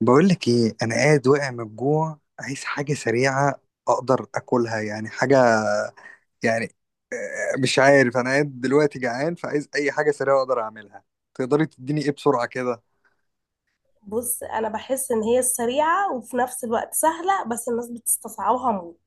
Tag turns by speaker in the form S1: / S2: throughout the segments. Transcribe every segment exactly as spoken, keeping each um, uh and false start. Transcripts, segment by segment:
S1: بقول لك ايه، انا قاعد واقع من الجوع، عايز حاجه سريعه اقدر اكلها يعني، حاجه يعني. آه، مش عارف، انا قاعد دلوقتي جعان، فعايز اي حاجه سريعه اقدر اعملها. تقدري تديني ايه بسرعه كده؟
S2: بص انا بحس ان هي سريعه وفي نفس الوقت سهله بس الناس بتستصعبها موت.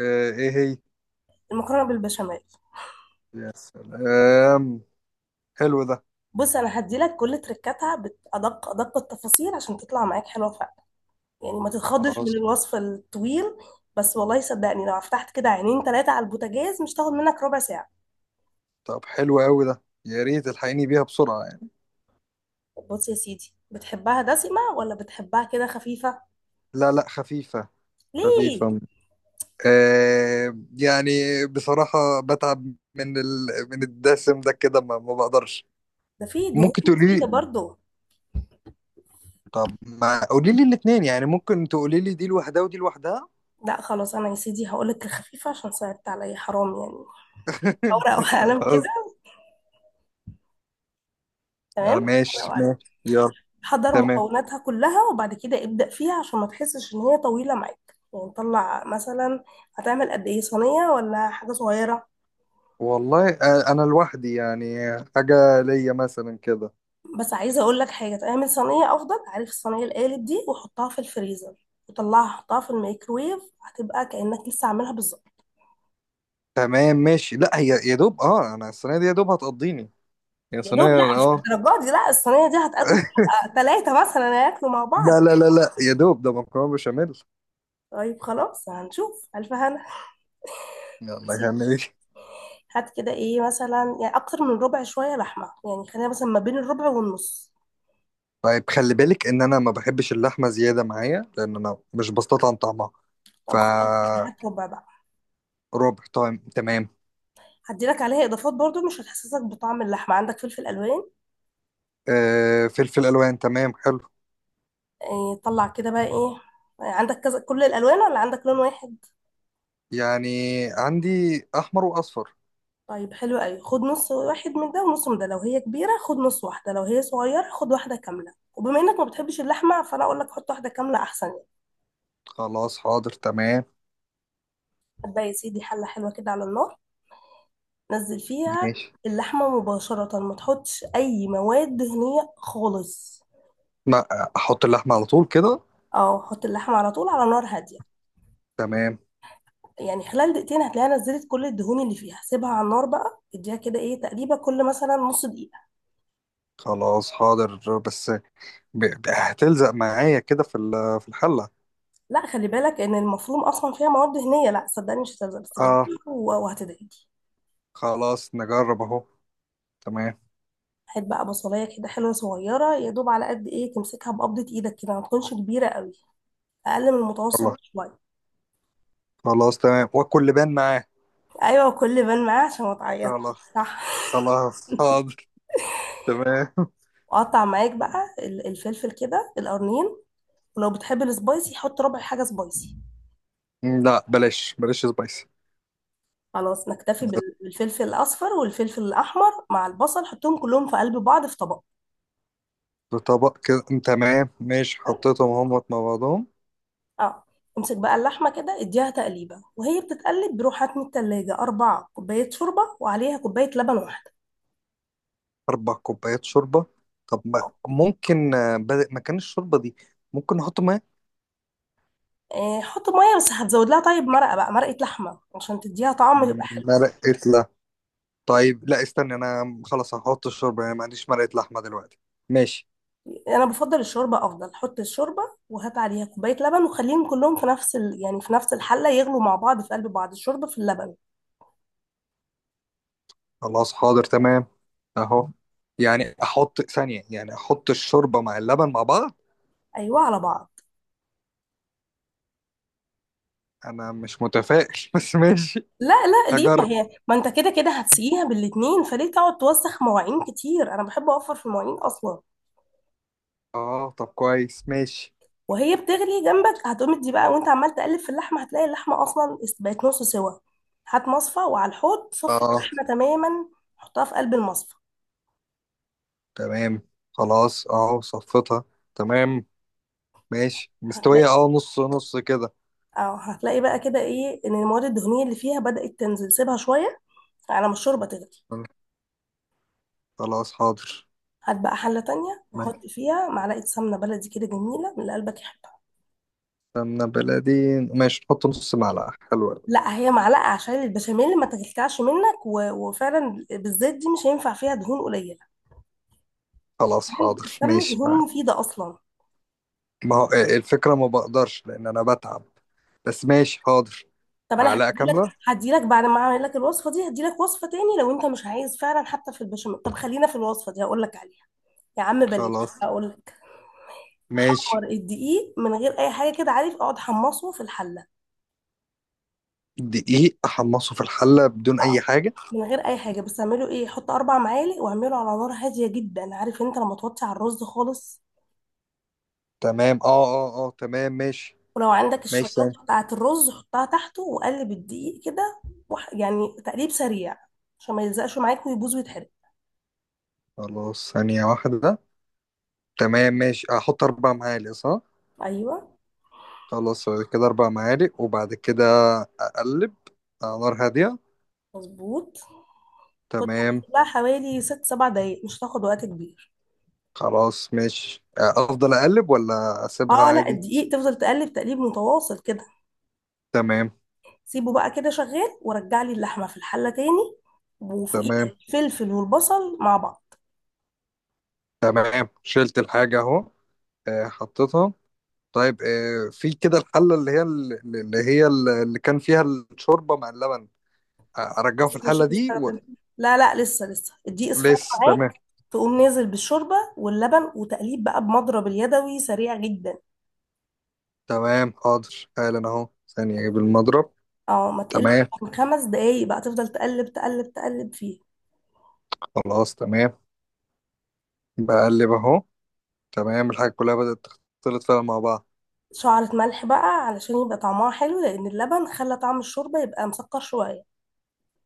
S1: آه، ايه هي؟
S2: المكرونه بالبشاميل.
S1: يا سلام، حلو ده.
S2: بص انا هديلك كل تركاتها بادق ادق التفاصيل عشان تطلع معاك حلوه فعلا، يعني ما تتخضش من
S1: خلاص.
S2: الوصف الطويل. بس والله صدقني لو فتحت كده عينين ثلاثه على البوتاجاز مش تاخد منك ربع ساعه.
S1: طب حلو قوي ده، يا ريت الحقيني بيها بسرعه يعني.
S2: بص يا سيدي، بتحبها دسمه ولا بتحبها كده خفيفه؟
S1: لا لا، خفيفه
S2: ليه؟
S1: خفيفه. آه يعني، بصراحه بتعب من ال... من الدسم ده كده، ما, ما بقدرش.
S2: ده في دهون
S1: ممكن تقولي
S2: مفيده
S1: لي.
S2: برضه.
S1: طب ما قولي لي الاثنين يعني، ممكن تقولي لي دي لوحدها ودي لوحدها.
S2: لا خلاص، انا يا سيدي هقولك الخفيفه عشان صعبت عليا حرام يعني. ورقه وقلم كده.
S1: خلاص.
S2: تمام،
S1: آه،
S2: ورقة
S1: ماشي
S2: وقلم.
S1: ماشي يلا.
S2: حضر
S1: تمام.
S2: مكوناتها كلها وبعد كده ابدأ فيها عشان ما تحسش ان هي طويلة معاك، يعني طلع مثلا، هتعمل قد ايه، صينية ولا حاجة صغيرة؟
S1: والله آه، انا لوحدي يعني، حاجة ليا مثلا كده.
S2: بس عايزة اقول لك حاجة، تعمل صينية افضل. عارف الصينية القالب دي؟ وحطها في الفريزر وطلعها حطها في الميكرويف، هتبقى كأنك لسه عاملها بالظبط.
S1: تمام ماشي. لا هي يا دوب، اه انا الصينية دي يا دوب هتقضيني. يا
S2: يا
S1: صينية
S2: دوب لا، مش
S1: اه.
S2: الدرجات دي، لا الصينية دي هتقضي ثلاثة مثلا هياكلوا مع بعض.
S1: لا لا لا لا، يا دوب ده مكرونة بشاميل.
S2: طيب خلاص، هنشوف ألف هنا.
S1: يلا
S2: بصي،
S1: هنعمل ايه؟
S2: هات كده ايه مثلا، يعني أكتر من ربع شوية لحمة، يعني خلينا مثلا ما بين الربع والنص.
S1: طيب خلي بالك ان انا ما بحبش اللحمة زيادة معايا، لان انا مش بستطعم طعمها. ف
S2: طب خلاص، هات ربع بقى.
S1: ربع طيب، تمام.
S2: هدي لك عليها اضافات برضو مش هتحسسك بطعم اللحمه. عندك فلفل الوان؟
S1: آه، فلفل الوان، تمام حلو.
S2: إيه طلع كده بقى ايه؟ آه، عندك كذا كل الالوان ولا عندك لون واحد؟
S1: يعني عندي احمر واصفر.
S2: طيب حلو قوي، خد نص واحد من ده ونص من ده، لو هي كبيره خد نص واحده، لو هي صغيره خد واحده كامله، وبما انك ما بتحبش اللحمه فانا اقول لك حط واحده كامله احسن يعني.
S1: خلاص حاضر تمام
S2: هتبقى يا سيدي حله حلوه كده على النار، نزل فيها
S1: ماشي.
S2: اللحمه مباشره، ما تحطش اي مواد دهنيه خالص.
S1: ما احط اللحمه على طول كده
S2: اه حط اللحمه على طول على نار هاديه.
S1: تمام.
S2: يعني خلال دقيقتين هتلاقيها نزلت كل الدهون اللي فيها، سيبها على النار بقى، اديها كده ايه تقليبه كل مثلا نص دقيقه.
S1: خلاص حاضر. بس ب- ب- هتلزق معايا كده في ال- في الحله.
S2: لا خلي بالك ان المفروم اصلا فيها مواد دهنيه، لا صدقني مش هتلزق، بس جربي.
S1: اه
S2: و- وهتدعي.
S1: خلاص نجرب اهو. تمام.
S2: هات بقى بصلايه كده حلوه صغيره، يا دوب على قد ايه تمسكها بقبضه ايدك كده، ما تكونش كبيره قوي، اقل من المتوسط
S1: خلاص.
S2: شويه.
S1: خلاص تمام، واكل لبان معاه.
S2: ايوه كل بان معاه عشان ما تعيط.
S1: خلاص.
S2: صح.
S1: خلاص حاضر. تمام.
S2: وقطع معاك بقى ال- الفلفل كده القرنين، ولو بتحب السبايسي حط ربع حاجه سبايسي.
S1: لا، بلاش بلاش سبايسي.
S2: خلاص نكتفي بال- بالفلفل الاصفر والفلفل الاحمر مع البصل، حطهم كلهم في قلب بعض في طبق.
S1: في طبق كده، تمام ماشي،
S2: تمام؟
S1: حطيتهم هم مع بعضهم.
S2: اه. امسك بقى اللحمه كده اديها تقليبه، وهي بتتقلب روح هات من التلاجة أربع كوبايات شوربه وعليها كوبايه لبن واحده.
S1: أربع كوبايات شوربة. طب
S2: آه،
S1: ما ممكن آه، بدل مكان الشوربة دي، ممكن نحط ماء؟
S2: آه، حط ميه بس هتزود لها، طيب مرقه بقى، مرقه لحمه عشان تديها طعم يبقى حلو.
S1: مرقة لحمة. طيب لا استنى، أنا خلاص هحط الشوربة يعني، ما عنديش مرقة لحمة دلوقتي. ماشي.
S2: انا بفضل الشوربه، افضل حط الشوربه وهات عليها كوبايه لبن وخليهم كلهم في نفس ال... يعني في نفس الحله يغلوا مع بعض في قلب بعض، الشوربه في اللبن.
S1: خلاص حاضر تمام. أهو. يعني أحط ثانية، يعني أحط الشوربة مع اللبن مع بعض.
S2: ايوه على بعض.
S1: أنا مش متفائل بس ماشي.
S2: لا لا، ليه؟ ما
S1: هجرب.
S2: هي ما انت كده كده هتسقيها بالاتنين، فليه تقعد توسخ مواعين كتير؟ انا بحب اوفر في المواعين اصلا.
S1: أه طب كويس ماشي.
S2: وهي بتغلي جنبك هتقوم دي بقى، وانت عمال تقلب في اللحمه هتلاقي اللحمه اصلا بقت نص سوا. هات مصفى وعلى الحوض صفي
S1: أه
S2: اللحمه تماما، حطها في قلب المصفى.
S1: تمام. خلاص أه صفتها. تمام ماشي مستوية
S2: هتلاقي،
S1: أه، نص نص كده.
S2: اه هتلاقي بقى كده ايه ان المواد الدهنيه اللي فيها بدأت تنزل، سيبها شويه على ما الشوربه تغلي.
S1: خلاص حاضر.
S2: هات بقى حله تانية
S1: ماشي،
S2: وحط فيها معلقه سمنه بلدي كده جميله من اللي قلبك يحبها.
S1: سمنة بلدي. ماشي، نحط نص معلقة حلوة أوي.
S2: لا هي معلقه عشان البشاميل ما تكلكعش منك، و... وفعلا بالذات دي مش هينفع فيها دهون قليله،
S1: خلاص حاضر
S2: السمنه
S1: ماشي
S2: دهون
S1: معاك.
S2: مفيده اصلا.
S1: ما هو إيه، الفكرة ما بقدرش لأن أنا بتعب. بس ماشي حاضر.
S2: طب انا
S1: معلقة
S2: هديلك،
S1: كاملة.
S2: هديلك بعد ما اعمل لك الوصفه دي هديلك وصفه تاني لو انت مش عايز فعلا حتى في البشاميل. طب خلينا في الوصفه دي هقول لك عليها. يا عم بلاش.
S1: خلاص.
S2: هقول لك،
S1: ماشي.
S2: حمر الدقيق من غير اي حاجه كده، عارف اقعد حمصه في الحله.
S1: دقيق أحمصه في الحلة بدون أي
S2: اه
S1: حاجة.
S2: من غير اي حاجه، بس اعمله ايه، حط اربع معالق واعمله على نار هاديه جدا، عارف انت لما توطي على الرز خالص؟
S1: تمام اه اه اه، تمام ماشي.
S2: ولو عندك
S1: ماشي
S2: الشويات
S1: ثانية.
S2: بتاعة الرز حطها تحته وقلب الدقيق كده، وح... يعني تقليب سريع عشان ما يلزقش معاك ويبوظ ويتحرق.
S1: خلاص ثانية واحدة. تمام ماشي، أحط أربع معالق صح؟
S2: ايوه
S1: خلاص. كده أربع معالق، وبعد كده أقلب على نار هادية.
S2: مظبوط. كنت
S1: تمام.
S2: هتقلبها حوالي ست سبع دقايق، مش هتاخد وقت كبير.
S1: خلاص ماشي. آه، افضل اقلب ولا اسيبها
S2: اه لا،
S1: عادي؟
S2: الدقيق تفضل تقلب تقليب متواصل كده.
S1: تمام.
S2: سيبه بقى كده شغال، ورجع لي اللحمة في الحلة تاني وفوقيه
S1: تمام
S2: الفلفل والبصل مع بعض.
S1: تمام، شلت الحاجة اهو. آه، حطيتها. طيب آه، في كده الحلة اللي هي اللي هي اللي كان فيها الشوربة مع اللبن. آه، ارجعه في
S2: لسه مش
S1: الحلة دي و...
S2: هنستخدم، لا لا لسه، لسه الدقيق اصفر
S1: لسه.
S2: معاك.
S1: تمام.
S2: تقوم نازل بالشوربة واللبن وتقليب بقى بمضرب اليدوي سريع جدا.
S1: تمام حاضر حالا اهو، ثانية اجيب المضرب.
S2: اه، ما تقلش
S1: تمام.
S2: عن خمس دقايق بقى، تفضل تقلب تقلب تقلب فيه
S1: خلاص تمام. بقلب اهو. تمام، الحاجة كلها بدأت تختلط فعلا مع بعض.
S2: شعرة ملح بقى علشان يبقى طعمها حلو، لأن اللبن خلى طعم الشوربة يبقى مسكر شوية.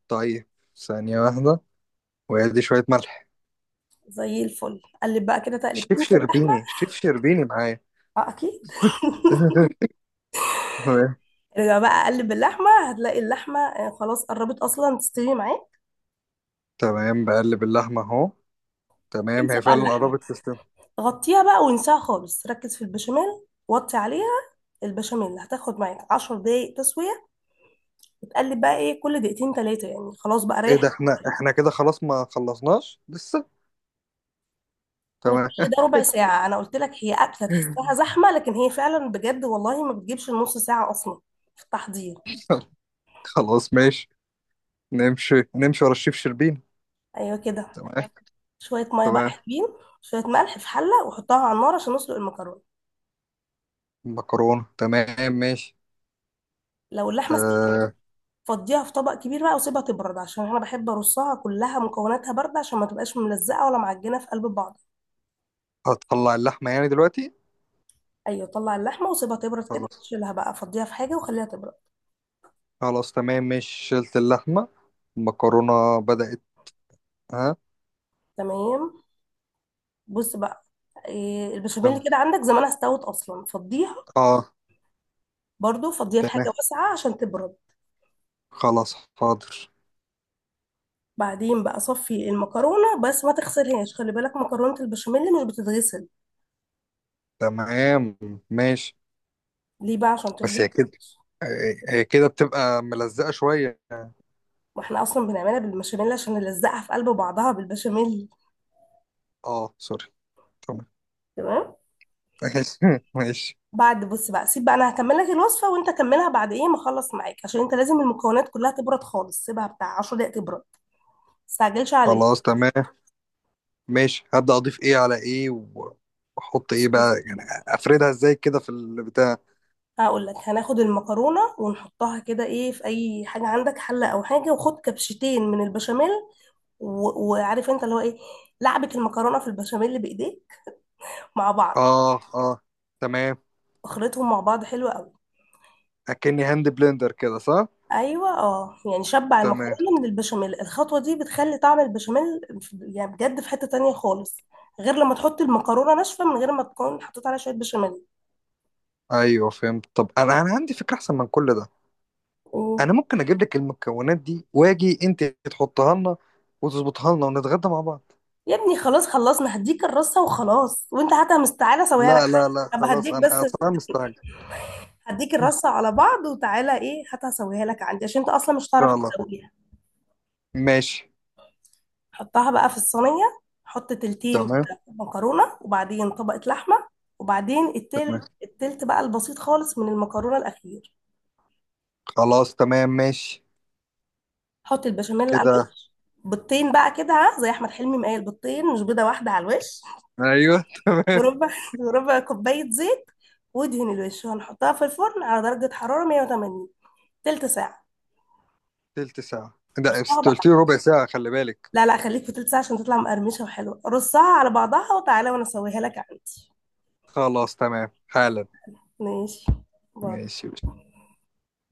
S1: طيب ثانية واحدة، وادي شوية ملح.
S2: زي الفل، قلب بقى كده
S1: شيف
S2: تقلبتين في اللحمة.
S1: شربيني، شيف شربيني معايا.
S2: اه أكيد.
S1: تمام.
S2: ارجع بقى قلب اللحمة هتلاقي اللحمة آه، خلاص قربت أصلا تستوي معاك.
S1: تمام، بقلب اللحمة اهو. تمام،
S2: انسى
S1: هي
S2: بقى
S1: فعلا
S2: اللحمة،
S1: قربت تستوي.
S2: غطيها بقى وانساها خالص، ركز في البشاميل وطي عليها. البشاميل هتاخد معاك عشر دقايق تسوية، تقلب بقى ايه كل دقيقتين تلاتة، يعني خلاص بقى
S1: ايه
S2: ريح.
S1: ده، احنا احنا كده خلاص، ما خلصناش لسه؟
S2: انا كل
S1: تمام.
S2: ده ربع ساعة، انا قلت لك هي اكلة تحسها زحمة لكن هي فعلا بجد والله ما بتجيبش النص ساعة اصلا في التحضير.
S1: خلاص ماشي. نمشي نمشي ورا الشيف شربين.
S2: ايوه كده.
S1: تمام.
S2: شوية مية بقى
S1: تمام.
S2: حلوين، شوية ملح في حلة وحطها على النار عشان نسلق المكرونة.
S1: مكرونة، تمام ماشي.
S2: لو اللحمة استوت
S1: أه.
S2: فضيها في طبق كبير بقى وسيبها تبرد، عشان انا بحب ارصها كلها مكوناتها باردة عشان ما تبقاش ملزقة ولا معجنة في قلب بعض.
S1: هتطلع اللحمة يعني دلوقتي؟
S2: ايوه طلع اللحمة وسيبها تبرد كده،
S1: خلاص.
S2: شيلها بقى فضيها في حاجة وخليها تبرد.
S1: خلاص تمام ماشي، شلت اللحمة، المكرونة بدأت. ها.
S2: تمام. بص بقى، إيه، البشاميل
S1: تمام.
S2: كده عندك زمانها استوت اصلا، فضيها.
S1: اه
S2: برضو فضيها في حاجة
S1: تمام.
S2: واسعة عشان تبرد.
S1: خلاص حاضر.
S2: بعدين بقى صفي المكرونة، بس ما تغسلهاش، خلي بالك مكرونة البشاميل مش بتتغسل.
S1: تمام ماشي.
S2: ليه بقى؟ عشان تفضل
S1: بس هي كده،
S2: فريش.
S1: هي هي كده بتبقى ملزقة شوية.
S2: واحنا اصلا بنعملها بالبشاميل عشان نلزقها في قلب بعضها بالبشاميل.
S1: اه سوري. تمام.
S2: تمام.
S1: ماشي. ماشي.
S2: بعد بص بقى، سيب بقى انا هكمل لك الوصفة وانت كملها بعد ايه ما اخلص معاك، عشان انت لازم المكونات كلها تبرد خالص، سيبها بتاع عشر دقايق تبرد، ما تستعجلش عليها.
S1: خلاص تمام ماشي. هبدأ أضيف إيه على إيه، و- وأحط إيه بقى يعني؟ أفردها إزاي كده في البتاع؟
S2: هقول لك، هناخد المكرونه ونحطها كده ايه في اي حاجه عندك، حله او حاجه، وخد كبشتين من البشاميل. و- وعارف انت اللي هو ايه، لعبة المكرونة في البشاميل اللي بايديه مع بعض،
S1: اه اه تمام.
S2: خلطهم مع بعض حلوة قوي.
S1: أكني هاند بلندر كده صح؟
S2: ايوه اه، يعني شبع
S1: تمام.
S2: المكرونة من البشاميل، الخطوة دي بتخلي طعم البشاميل في- يعني بجد في حتة تانية خالص، غير لما تحط المكرونة ناشفة من غير ما تكون حطيت عليها شوية بشاميل.
S1: أيوه فهمت. طب أنا أنا عندي فكرة أحسن من كل ده.
S2: أوه.
S1: أنا ممكن أجيب لك المكونات دي، وأجي أنت تحطها لنا، وتظبطها لنا ونتغدى مع بعض.
S2: يا ابني خلاص خلصنا، هديك الرصة وخلاص، وانت هاتها مستعجلة اسويها لك
S1: لا
S2: عندي.
S1: لا لا،
S2: طب
S1: خلاص
S2: هديك
S1: أنا
S2: بس،
S1: أصلا مستعجل.
S2: هديك الرصة على بعض وتعالى ايه هاتها اسويها لك عندي، عشان انت اصلا مش هتعرف
S1: خلاص
S2: تسويها.
S1: ماشي.
S2: حطها بقى في الصينية، حط تلتين
S1: تمام.
S2: كده مكرونة وبعدين طبقة لحمة، وبعدين التالت،
S1: تمام.
S2: التلت بقى البسيط خالص من المكرونة الأخير.
S1: خلاص تمام ماشي
S2: حط البشاميل على
S1: كده.
S2: الوش، بيضتين بقى كده، ها، زي أحمد حلمي مقايل بيضتين مش بيضة واحدة على الوش.
S1: ايوه. تمام.
S2: وربع وربع كوباية زيت، وادهن الوش، وهنحطها في الفرن على درجة حرارة مية وتمانين تلت ساعة.
S1: تلت ساعة؟ ده
S2: رصها
S1: انت قلت
S2: بقى.
S1: لي ربع ساعة، خلي بالك.
S2: لا لا، خليك في تلت ساعة عشان تطلع مقرمشة وحلوة، رصها على بعضها وتعالى وأنا أسويها لك عندي.
S1: خلاص تمام حالا.
S2: ماشي. باي.
S1: ماشي.